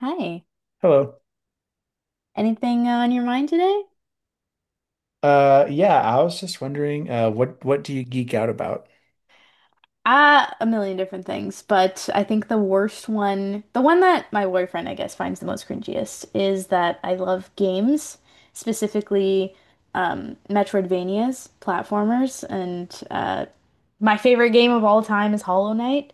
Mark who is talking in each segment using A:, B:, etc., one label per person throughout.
A: Hi.
B: Hello.
A: Anything on your mind today?
B: Yeah, I was just wondering, what do you geek out about?
A: Ah, a million different things, but I think the worst one, the one that my boyfriend, I guess, finds the most cringiest is that I love games, specifically Metroidvanias, platformers, and my favorite game of all time is Hollow Knight.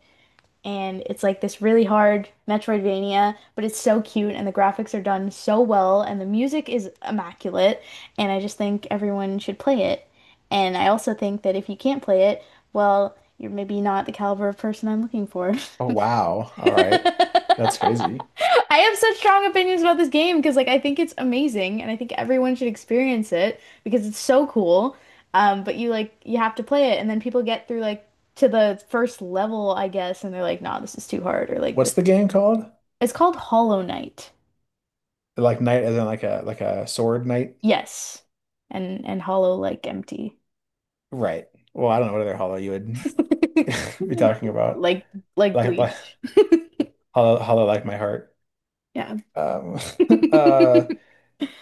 A: And it's like this really hard Metroidvania, but it's so cute and the graphics are done so well and the music is immaculate and I just think everyone should play it. And I also think that if you can't play it, well, you're maybe not the caliber of person I'm looking for.
B: Oh wow, all right, that's
A: I
B: crazy.
A: have such strong opinions about this game because like I think it's amazing and I think everyone should experience it because it's so cool. But you like you have to play it and then people get through like to the first level, I guess, and they're like, nah, this is too hard or like
B: What's
A: this.
B: the game called?
A: It's called Hollow Knight.
B: Like knight, as in like a sword knight,
A: Yes. And hollow like empty.
B: right? Well, I don't know what other hollow you would be talking about.
A: Like like
B: Like
A: bleach.
B: hollow like my heart.
A: Yeah.
B: Um, uh,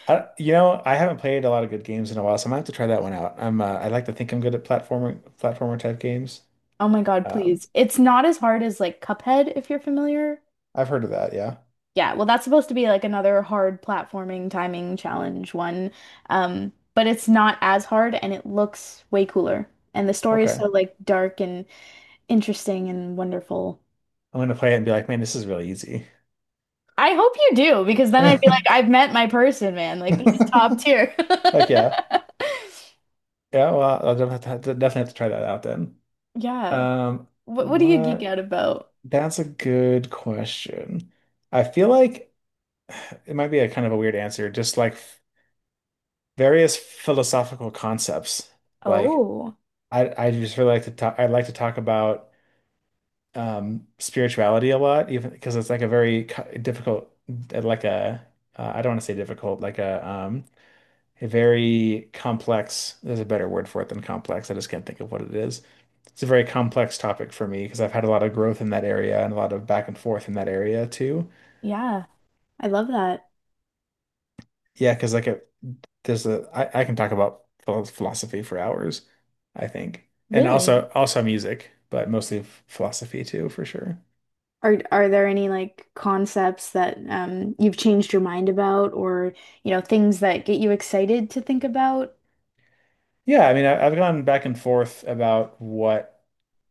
B: I haven't played a lot of good games in a while, so I might have to try that one out. I'm, I like to think I'm good at platformer type games.
A: Oh my God,
B: Um,
A: please. It's not as hard as like Cuphead if you're familiar.
B: I've heard of that. Yeah.
A: Yeah, well, that's supposed to be like another hard platforming timing challenge one. But it's not as hard and it looks way cooler. And the story is so
B: Okay.
A: like dark and interesting and wonderful.
B: I'm gonna play it and be like, man, this is really easy.
A: I hope you do, because then I'd be like, I've met my person, man. Like this is top tier.
B: Like yeah, yeah. Well, have to, definitely have to try that out then.
A: Yeah.
B: Um,
A: What do you geek
B: what?
A: out about?
B: That's a good question. I feel like it might be a kind of a weird answer. Various philosophical concepts. Like
A: Oh,
B: I just really like to talk. I like to talk about spirituality a lot, even because it's like a like a I don't want to say difficult, like a very complex, there's a better word for it than complex. I just can't think of what it is. It's a very complex topic for me because I've had a lot of growth in that area and a lot of back and forth in that area too.
A: yeah. I love that.
B: Yeah, because like a, there's a I can talk about philosophy for hours, I think. And
A: Really?
B: also music, but mostly philosophy too, for sure.
A: Are there any like concepts that you've changed your mind about or you know things that get you excited to think about?
B: Yeah, I mean I've gone back and forth about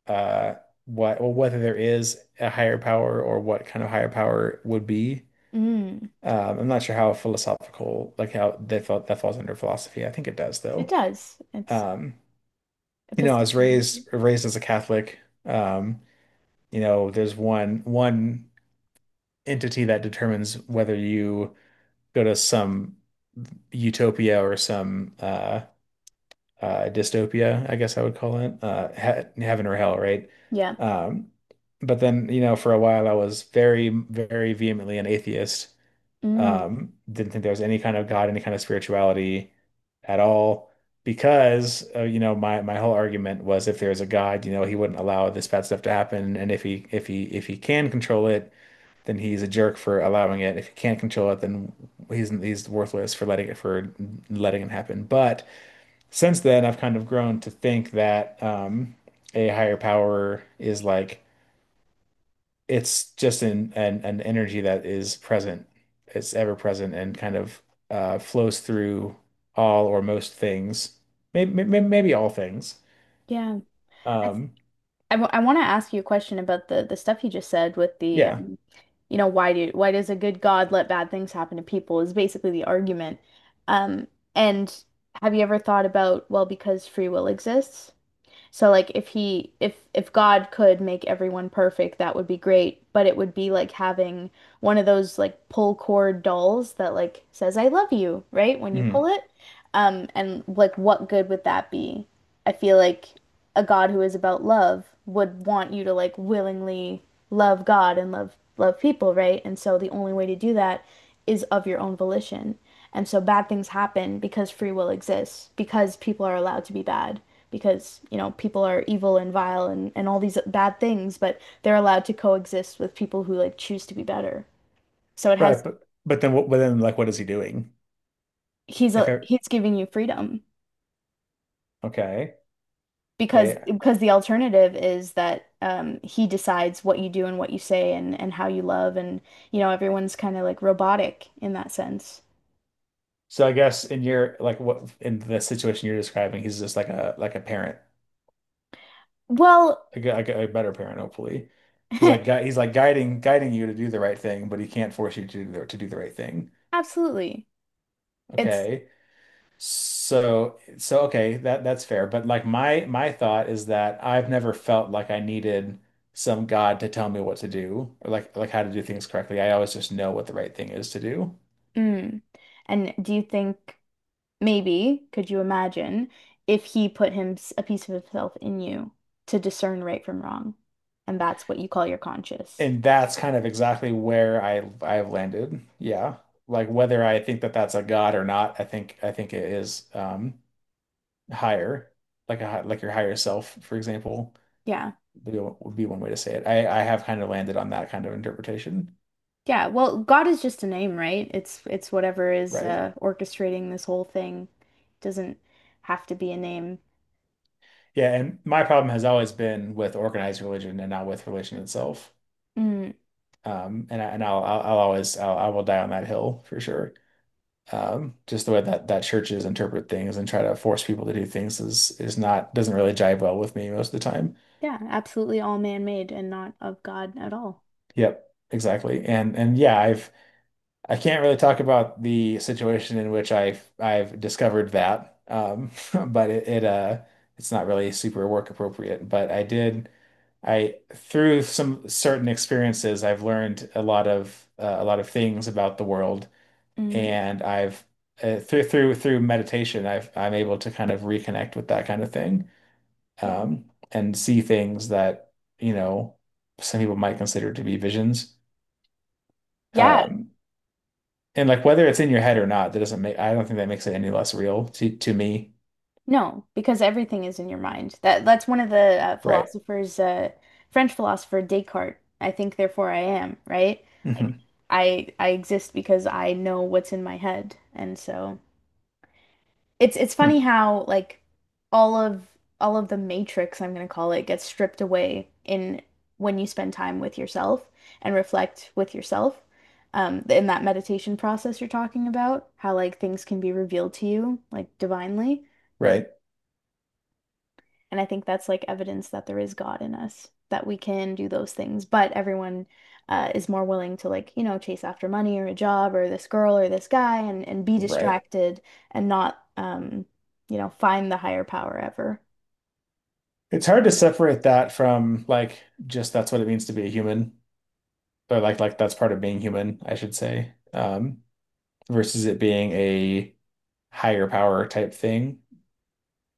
B: uh what well whether there is a higher power or what kind of higher power would be.
A: Mm,
B: I'm not sure how philosophical, like how they felt that falls under philosophy. I think it does
A: it
B: though.
A: does. It's
B: Um, you know, I was
A: epistemology.
B: raised as a Catholic. Um, you know, there's one entity that determines whether you go to some utopia or some dystopia, I guess I would call it, he heaven or hell, right?
A: Yeah.
B: Um, but then, you know, for a while I was very, very vehemently an atheist.
A: Mm,
B: Didn't think there was any kind of God, any kind of spirituality at all, because you know, my whole argument was if there's a God, you know, he wouldn't allow this bad stuff to happen, and if he can control it, then he's a jerk for allowing it. If he can't control it, then he's worthless for letting it happen. But since then, I've kind of grown to think that a higher power is like it's just an energy that is present. It's ever present and kind of flows through all or most things, maybe all things.
A: yeah. I th
B: Um,
A: I, w I want to ask you a question about the stuff you just said with the
B: yeah.
A: you know why do why does a good God let bad things happen to people is basically the argument. Um and have you ever thought about well because free will exists? So like if he if God could make everyone perfect, that would be great, but it would be like having one of those like pull cord dolls that like says I love you, right? When you pull
B: Mhm.
A: it. And like what good would that be? I feel like a God who is about love would want you to like willingly love God and love people, right? And so the only way to do that is of your own volition. And so bad things happen because free will exists, because people are allowed to be bad because, you know, people are evil and vile and all these bad things, but they're allowed to coexist with people who like choose to be better. So it
B: Right.
A: has
B: But then what? But then like, what is he doing? If I,
A: he's giving you freedom
B: okay, okay.
A: because the alternative is that he decides what you do and what you say and how you love and you know everyone's kind of like robotic in that sense.
B: So I guess in your like what in the situation you're describing, he's just like a parent,
A: Well,
B: like like a better parent, hopefully. He's like he's like guiding you to do the right thing, but he can't force you to do the right thing.
A: absolutely. It's
B: Okay. So okay, that that's fair. But like my thought is that I've never felt like I needed some God to tell me what to do or like how to do things correctly. I always just know what the right thing is to do.
A: mm. And do you think Maybe, could you imagine, if he put him a piece of himself in you to discern right from wrong? And that's what you call your conscious.
B: And that's kind of exactly where I've landed. Yeah. Like whether I think that that's a God or not, I think it is higher, like like your higher self, for example.
A: Yeah.
B: Would be one way to say it. I have kind of landed on that kind of interpretation,
A: Yeah. Well, God is just a name, right? It's whatever is
B: right?
A: orchestrating this whole thing. Doesn't have to be a name.
B: Yeah, and my problem has always been with organized religion and not with religion itself.
A: Mm,
B: And I, and I'll always I'll, I will die on that hill for sure. Just the way that that churches interpret things and try to force people to do things is not doesn't really jive well with me most of the time.
A: yeah, absolutely all man-made and not of God at all.
B: Yep, exactly. And yeah, I can't really talk about the situation in which I've discovered that, but it's not really super work appropriate. But I through some certain experiences I've learned a lot of things about the world,
A: Mm,
B: and I've through meditation I'm able to kind of reconnect with that kind of thing,
A: yeah.
B: um, and see things that you know some people might consider to be visions.
A: Yeah.
B: Um, And like whether it's in your head or not, that doesn't make, I don't think that makes it any less real to me.
A: No, because everything is in your mind. That's one of the
B: Right.
A: philosophers, French philosopher Descartes. I think, therefore, I am, right? Like
B: Hmm.
A: I exist because I know what's in my head, and so it's
B: Hmm.
A: funny how like all of all of the matrix, I'm gonna call it, gets stripped away in when you spend time with yourself and reflect with yourself. In that meditation process you're talking about, how like things can be revealed to you like divinely.
B: Right.
A: And I think that's like evidence that there is God in us, that we can do those things. But everyone is more willing to like, you know, chase after money or a job or this girl or this guy and be
B: Right.
A: distracted and not, you know, find the higher power ever.
B: It's hard to separate that from like just that's what it means to be a human or like that's part of being human, I should say, versus it being a higher power type thing.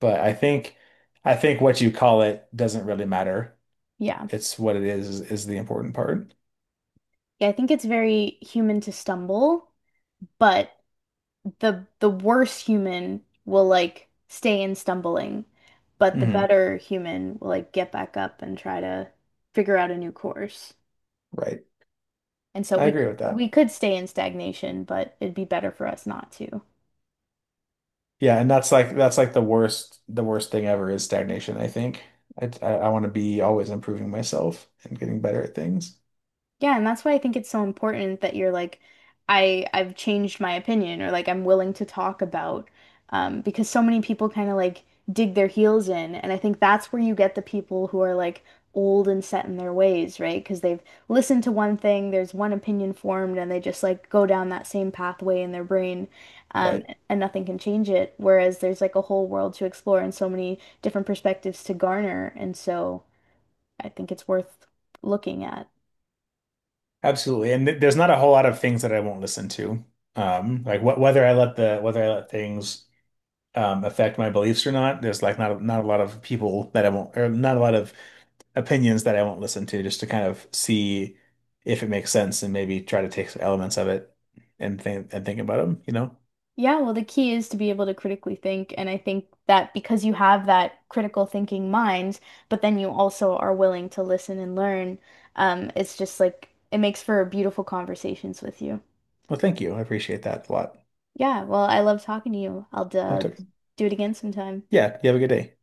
B: But I think what you call it doesn't really matter.
A: Yeah.
B: It's what it is is the important part.
A: Yeah, I think it's very human to stumble, but the worse human will like stay in stumbling, but the
B: Hmm.
A: better human will like get back up and try to figure out a new course.
B: Right.
A: And so
B: I agree with
A: we
B: that.
A: could stay in stagnation, but it'd be better for us not to.
B: Yeah, and that's like the worst thing ever is stagnation, I think. Want to be always improving myself and getting better at things.
A: Yeah, and that's why I think it's so important that you're like, I've changed my opinion or like I'm willing to talk about because so many people kind of like dig their heels in and I think that's where you get the people who are like old and set in their ways, right? Because they've listened to one thing, there's one opinion formed and they just like go down that same pathway in their brain um
B: Right.
A: and nothing can change it. Whereas there's like a whole world to explore and so many different perspectives to garner and so I think it's worth looking at.
B: Absolutely. And th there's not a whole lot of things that I won't listen to. Like wh whether I let the whether I let things affect my beliefs or not, there's like not a lot of people that I won't or not a lot of opinions that I won't listen to just to kind of see if it makes sense and maybe try to take some elements of it and think about them, you know?
A: Yeah, well, the key is to be able to critically think. And I think that because you have that critical thinking mind, but then you also are willing to listen and learn, it's just like it makes for beautiful conversations with you.
B: Well, thank you. I appreciate that a lot.
A: Yeah, well, I love talking to you. I'll do it again sometime.
B: Yeah, you have a good day.